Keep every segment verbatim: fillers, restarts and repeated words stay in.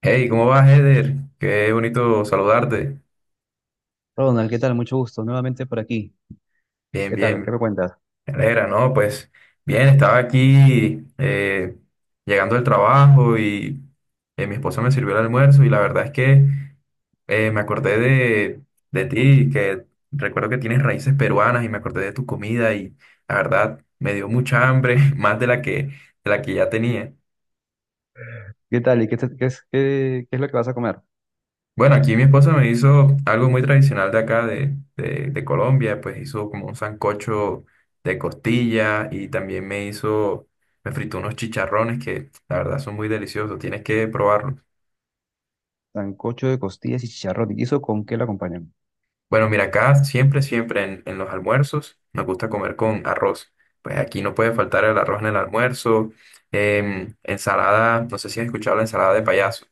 Hey, ¿cómo vas, Eder? Qué bonito saludarte. Ronald, ¿qué tal? Mucho gusto, nuevamente por aquí. Bien, ¿Qué tal? ¿Qué bien, me cuentas? me alegra, ¿no? Pues bien, estaba aquí eh, llegando del trabajo y eh, mi esposa me sirvió el almuerzo y la verdad es que eh, me acordé de, de ti, que recuerdo que tienes raíces peruanas y me acordé de tu comida y la verdad me dio mucha hambre, más de la que, de la que ya tenía. ¿Qué tal? ¿Y qué, te- qué es, qué, qué es lo que vas a comer? Bueno, aquí mi esposa me hizo algo muy tradicional de acá, de, de, de Colombia, pues hizo como un sancocho de costilla y también me hizo, me fritó unos chicharrones que la verdad son muy deliciosos, tienes que probarlos. Sancocho de costillas y chicharrón. ¿Y eso con qué lo acompañan? Bueno, mira, acá siempre, siempre en, en los almuerzos nos gusta comer con arroz. Pues aquí no puede faltar el arroz en el almuerzo, em, ensalada, no sé si has escuchado la ensalada de payaso.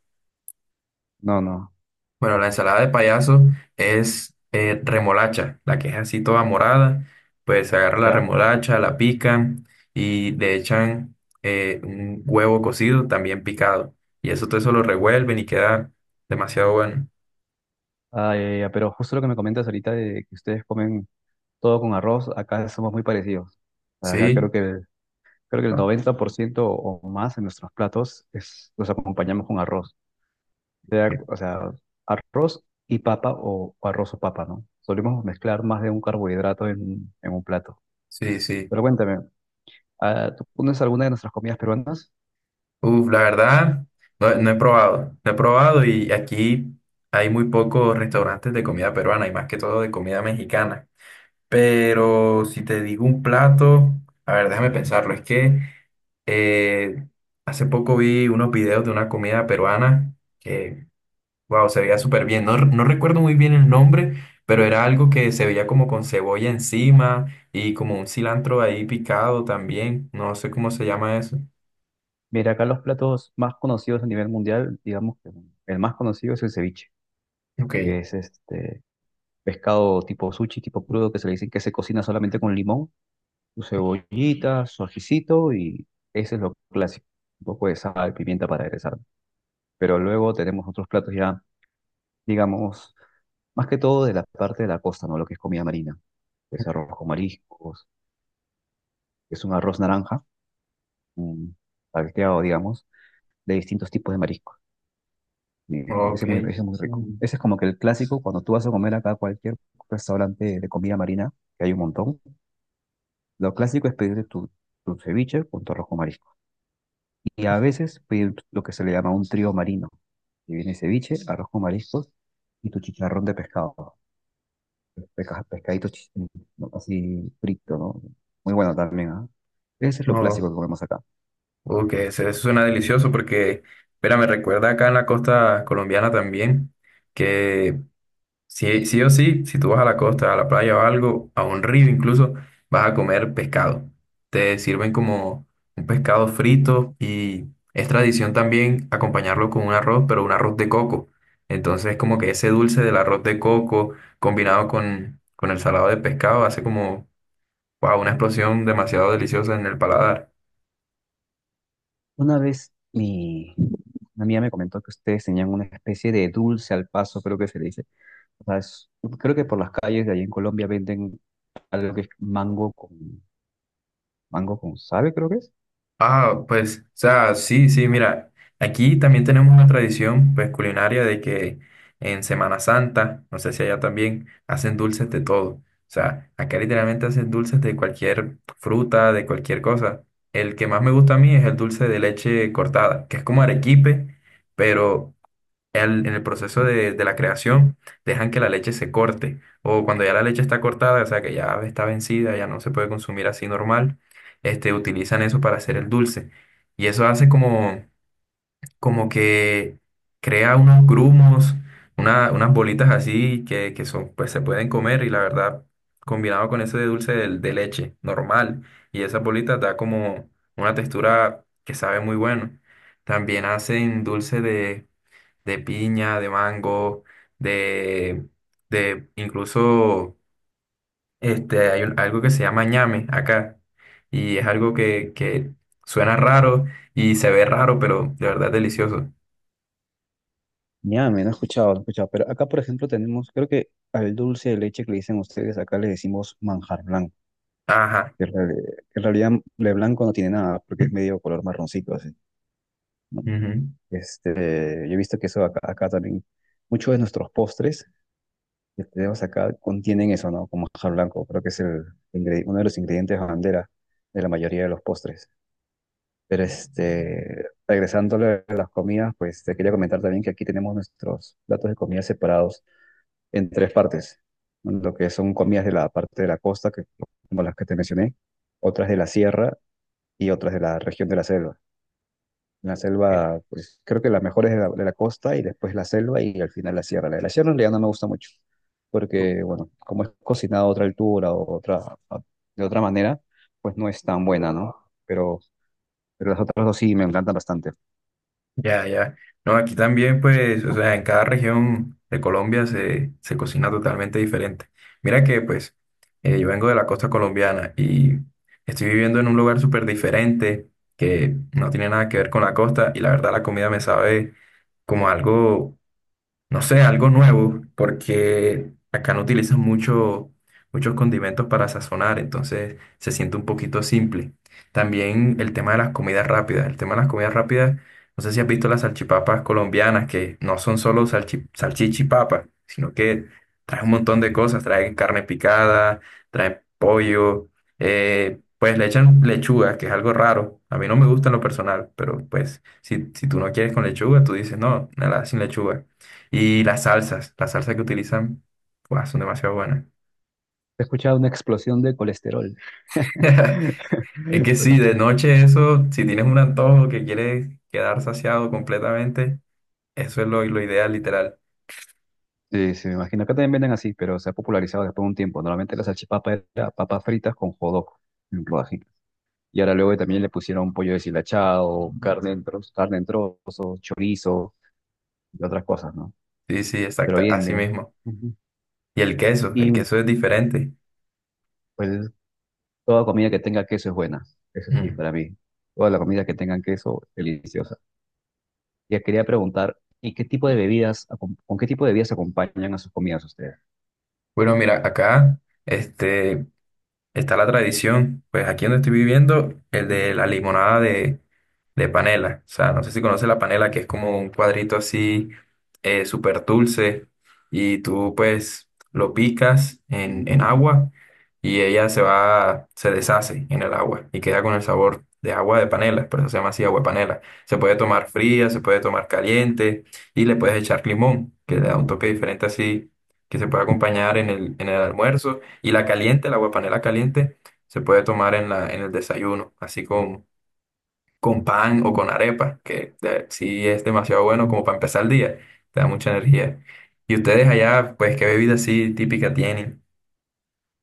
No, no. Bueno, la ensalada de payaso es eh, remolacha, la que es así toda morada. Pues se agarra la ¿Ya? remolacha, la pican y le echan eh, un huevo cocido también picado. Y eso todo eso lo revuelven y queda demasiado bueno. Ah, ya, ya, ya, pero justo lo que me comentas ahorita de que ustedes comen todo con arroz, acá somos muy parecidos. Acá Sí. creo que, creo que el Ah, noventa por ciento o más en nuestros platos es, los acompañamos con arroz. Sea- ok. o sea, arroz y papa o, o arroz o papa, ¿no? Solemos mezclar más de un carbohidrato en, en un plato. Sí, sí. Pero cuéntame. Ah, ¿tú conoces alguna de nuestras comidas peruanas? Uf, la verdad, no, no he probado. No he probado y aquí hay muy pocos restaurantes de comida peruana y más que todo de comida mexicana. Pero si te digo un plato, a ver, déjame pensarlo. Es que eh, hace poco vi unos videos de una comida peruana que, wow, se veía súper bien. No, r- no recuerdo muy bien el nombre, pero era algo que se veía como con cebolla encima y como un cilantro ahí picado también. No sé cómo se llama eso. Mira, acá los platos más conocidos a nivel mundial, digamos que el más conocido es el ceviche, Ok, que es este pescado tipo sushi, tipo crudo, que se le dicen que se cocina solamente con limón, su cebollita, su ajicito y ese es lo clásico, un poco de sal, pimienta para aderezar. Pero luego tenemos otros platos ya, digamos, más que todo de la parte de la costa, ¿no? Lo que es comida marina, que es arroz con mariscos, que es un arroz naranja, mm, salteado, digamos, de distintos tipos de mariscos. Y ok. Ese es muy, ese es muy rico. Mm. Ese es como que el clásico, cuando tú vas a comer acá a cualquier restaurante de comida marina, que hay un montón, lo clásico es pedirte tu, tu ceviche con tu arroz con marisco. Y a veces pedir lo que se le llama un trío marino, que viene ceviche, arroz con mariscos y tu chicharrón de pescado. Pesca- pescadito chi- ¿no? así frito, ¿no? Muy bueno también, ¿ah? Ese es lo clásico Oh, que comemos acá. ok, eso eso suena delicioso porque, espera, me recuerda acá en la costa colombiana también. Que Sí, sí o sí, si tú vas a la costa, a la playa o algo, a un río incluso, vas a comer pescado. Te sirven como un pescado frito y es tradición también acompañarlo con un arroz, pero un arroz de coco. Entonces, como que ese dulce del arroz de coco combinado con, con el salado de pescado hace como, wow, una explosión demasiado deliciosa en el paladar. Una vez mi, una amiga me comentó que ustedes tenían una especie de dulce al paso, creo que se le dice. O sea, es- creo que por las calles de allí en Colombia venden algo que es mango con, mango con, sabe, creo que es. Ah, pues, o sea, sí, sí, mira, aquí también tenemos una tradición, pues, culinaria de que en Semana Santa, no sé si allá también, hacen dulces de todo. O sea, acá literalmente hacen dulces de cualquier fruta, de cualquier cosa. El que más me gusta a mí es el dulce de leche cortada, que es como arequipe, pero al- en el proceso de, de la creación dejan que la leche se corte o cuando ya la leche está cortada, o sea que ya está vencida, ya no se puede consumir así normal, este, utilizan eso para hacer el dulce. Y eso hace como, como que crea unos grumos, una- unas bolitas así que, que son, pues se pueden comer y la verdad, combinado con ese de dulce de, de leche normal y esas bolitas da como una textura que sabe muy bueno. También hacen dulce de piña, de mango, de, de incluso este, hay un- algo que se llama ñame acá. Y es algo que, que suena raro y se ve raro, pero de verdad es delicioso. Ya, me no he escuchado, no he escuchado. Pero acá, por ejemplo, tenemos, creo que al dulce de leche que le dicen ustedes, acá le decimos manjar blanco. Ajá. Que en reali- que en realidad de blanco no tiene nada, porque es medio color marroncito, así, ¿no? Ujú. Este, yo he visto que eso acá, acá también, muchos de nuestros postres que tenemos acá contienen eso, ¿no? Como manjar blanco, creo que es el ingre- uno de los ingredientes bandera de la mayoría de los postres. Pero este, regresándole a las comidas, pues te quería comentar también que aquí tenemos nuestros platos de comida separados en tres partes. ¿No? Lo que son comidas de la parte de la costa, que, como las que te mencioné, otras de la sierra y otras de la región de la selva. La selva, pues creo que la mejor es de la, de la costa y después la selva y al final la sierra. La de la sierra en realidad no me gusta mucho, porque bueno, como es cocinada a otra altura o otra, a- de otra manera, pues no es tan buena, ¿no? Pero, pero las otras dos sí me encantan bastante. Ya, ya. No, aquí también, pues, o sea, en cada región de Colombia se, se cocina totalmente diferente. Mira que, pues, eh, yo vengo de la costa colombiana y estoy viviendo en un lugar súper diferente que no tiene nada que ver con la costa y la verdad la comida me sabe como algo no sé, algo nuevo, porque acá no utilizan mucho, muchos condimentos para sazonar, entonces se siente un poquito simple. También el tema de las comidas rápidas. El tema de las comidas rápidas, no sé si has visto las salchipapas colombianas, que no son solo salchi, salchicha y papa, sino que traen un montón de cosas, traen carne picada, traen pollo, eh, pues le echan lechuga, que es algo raro. A mí no me gusta en lo personal, pero pues si, si tú no quieres con lechuga, tú dices, no, nada, sin lechuga. Y las salsas, las salsas que utilizan, guau, son demasiado buenas. He escuchado una explosión de colesterol. Es que sí, de noche eso, si tienes un antojo que quieres quedar saciado completamente, eso es lo, lo ideal, literal. Sí, sí, me imagino. Acá también venden así, pero se ha popularizado después de un tiempo. Normalmente la salchipapa era papas fritas con jodoc en rodajitas. Y ahora luego también le pusieron pollo deshilachado, carne en trozos, carne en trozos, chorizo y otras cosas, ¿no? Sí, sí, Pero exacto, bien, así bien. mismo. Ujú. Y el queso, el Y queso es diferente. pues toda comida que tenga queso es buena. Eso sí, Mm. para mí. Toda la comida que tenga queso es deliciosa. Ya quería preguntar, ¿y qué tipo de bebidas, acom- con qué tipo de bebidas acompañan a sus comidas ustedes? Bueno, mira, acá, este, está la tradición, pues aquí donde estoy viviendo, el de la limonada de, de panela. O sea, no sé si conoces la panela, que es como un cuadrito así eh, súper dulce y tú pues lo picas en, en agua y ella se va, se deshace en el agua y queda con el sabor de agua de panela, por eso se llama así agua de panela. Se puede tomar fría, se puede tomar caliente y le puedes echar limón, que le da un toque diferente así, que se puede acompañar en el, en el almuerzo. Y la caliente, la aguapanela caliente, se puede tomar en la, en el desayuno, así con, con pan o con arepa, que de- sí es demasiado bueno como para empezar el día, te da mucha energía. Y ustedes allá, pues, ¿qué bebida así típica tienen?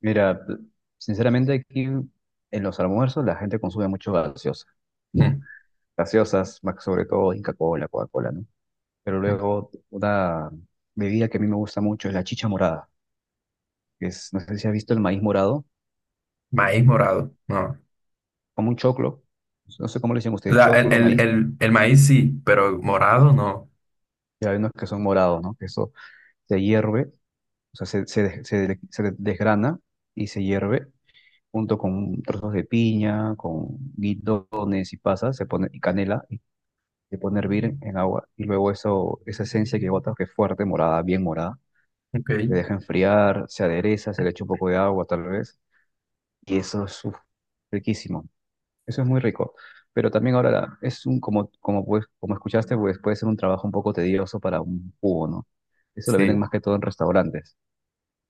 Mira, p- sinceramente aquí en los almuerzos la gente consume mucho gaseosa. Mm, Gaseosas, más sobre todo Inca Cola, Coca-Cola, ¿no? Pero mm. luego una bebida que a mí me gusta mucho es la chicha morada, que es, no sé si has visto el maíz morado, es Maíz co- morado, no. como un choclo, no sé cómo le dicen O ustedes, sea, el, choclo, el, maíz, el, el maíz sí, pero morado no. y hay unos que son morados, ¿no? Que eso se hierve, o sea, se, se, des- se de- se desgrana y se hierve junto con trozos de piña, con guidones y pasas, se pone y canela se pone a hervir en agua y luego eso, esa esencia que botas, que es fuerte, morada, bien morada, se Ok. deja enfriar, se adereza, se le echa un poco de agua tal vez y eso es uf, riquísimo. Eso es muy rico. Pero también ahora la- es un, como, como, pues, como escuchaste, pues puede ser un trabajo un poco tedioso para un jugo, ¿no? Eso lo venden Sí, más que todo en restaurantes,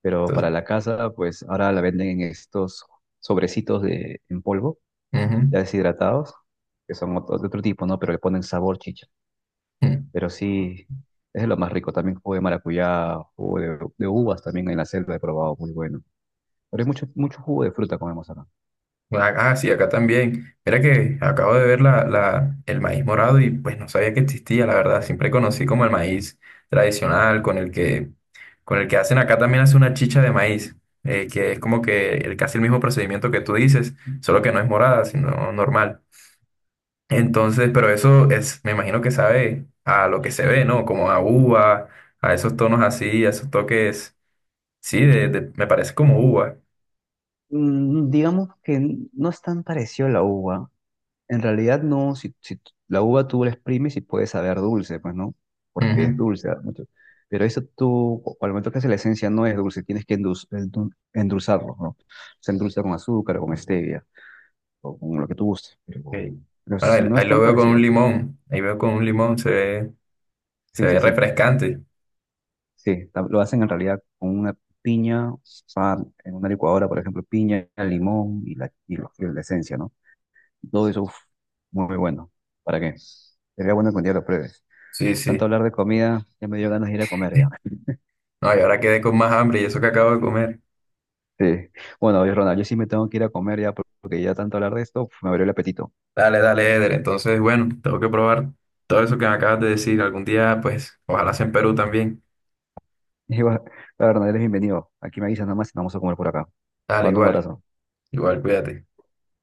pero para entonces, la casa, pues ahora la venden en estos sobrecitos de, en polvo, ya deshidratados, que son otro, de otro tipo, ¿no? Pero le ponen sabor chicha. ujú. Pero sí, es lo más rico. También jugo de maracuyá, jugo de, de uvas también en la selva he probado, muy bueno. Pero hay mucho, mucho jugo de fruta comemos acá. Ah, ah, sí, acá también. Mira que acabo de ver la, la- el maíz morado y pues no sabía que existía, la verdad. Siempre conocí como el maíz tradicional con el que, con el que hacen acá también hace una chicha de maíz, eh, que es como que el, casi el mismo procedimiento que tú dices, solo que no es morada, sino normal. Entonces, pero eso es, me imagino que sabe a lo que se ve, ¿no? Como a uva, a esos tonos así, a esos toques, sí, de, de- me parece como uva. Mm, digamos que n- no es tan parecido a la uva. En realidad no, si, si t- la uva tú la exprimes y puede saber dulce, pues no, porque es dulce. Ah, mucho. Pero eso tú, o- al momento que hace la esencia no es dulce, tienes que endul- endul- endulzarlo, ¿no? Se endulza con azúcar o con stevia o con lo que tú gustes, Ok. pero, pero Bueno, si ahí, no es ahí lo tan veo con un parecido. limón. Ahí veo con un limón, se ve, se Sí, ve sí, sí. refrescante. Sí, tam- lo hacen en realidad con una piña, o sea, en una licuadora, por ejemplo, piña, limón y la, y lo- y la esencia, ¿no? Todo eso, uf, muy bueno. ¿Para qué? Sería bueno que un día lo pruebes. Sí, Tanto sí. hablar de comida, ya me dio ganas de ir a comer ya. No, y ahora quedé con más hambre y eso que acabo de comer. Sí. Bueno, oye, Ronald, yo sí me tengo que ir a comer ya por- porque ya tanto hablar de esto, uf, me abrió el apetito. Dale, dale, Eder. Entonces, bueno, tengo que probar todo eso que me acabas de decir. Algún día, pues, ojalá sea en Perú también. Y bueno, Ronald, eres bienvenido. Aquí me avisas nada más y vamos a comer por acá. Dale, Mando un igual, abrazo. igual, cuídate.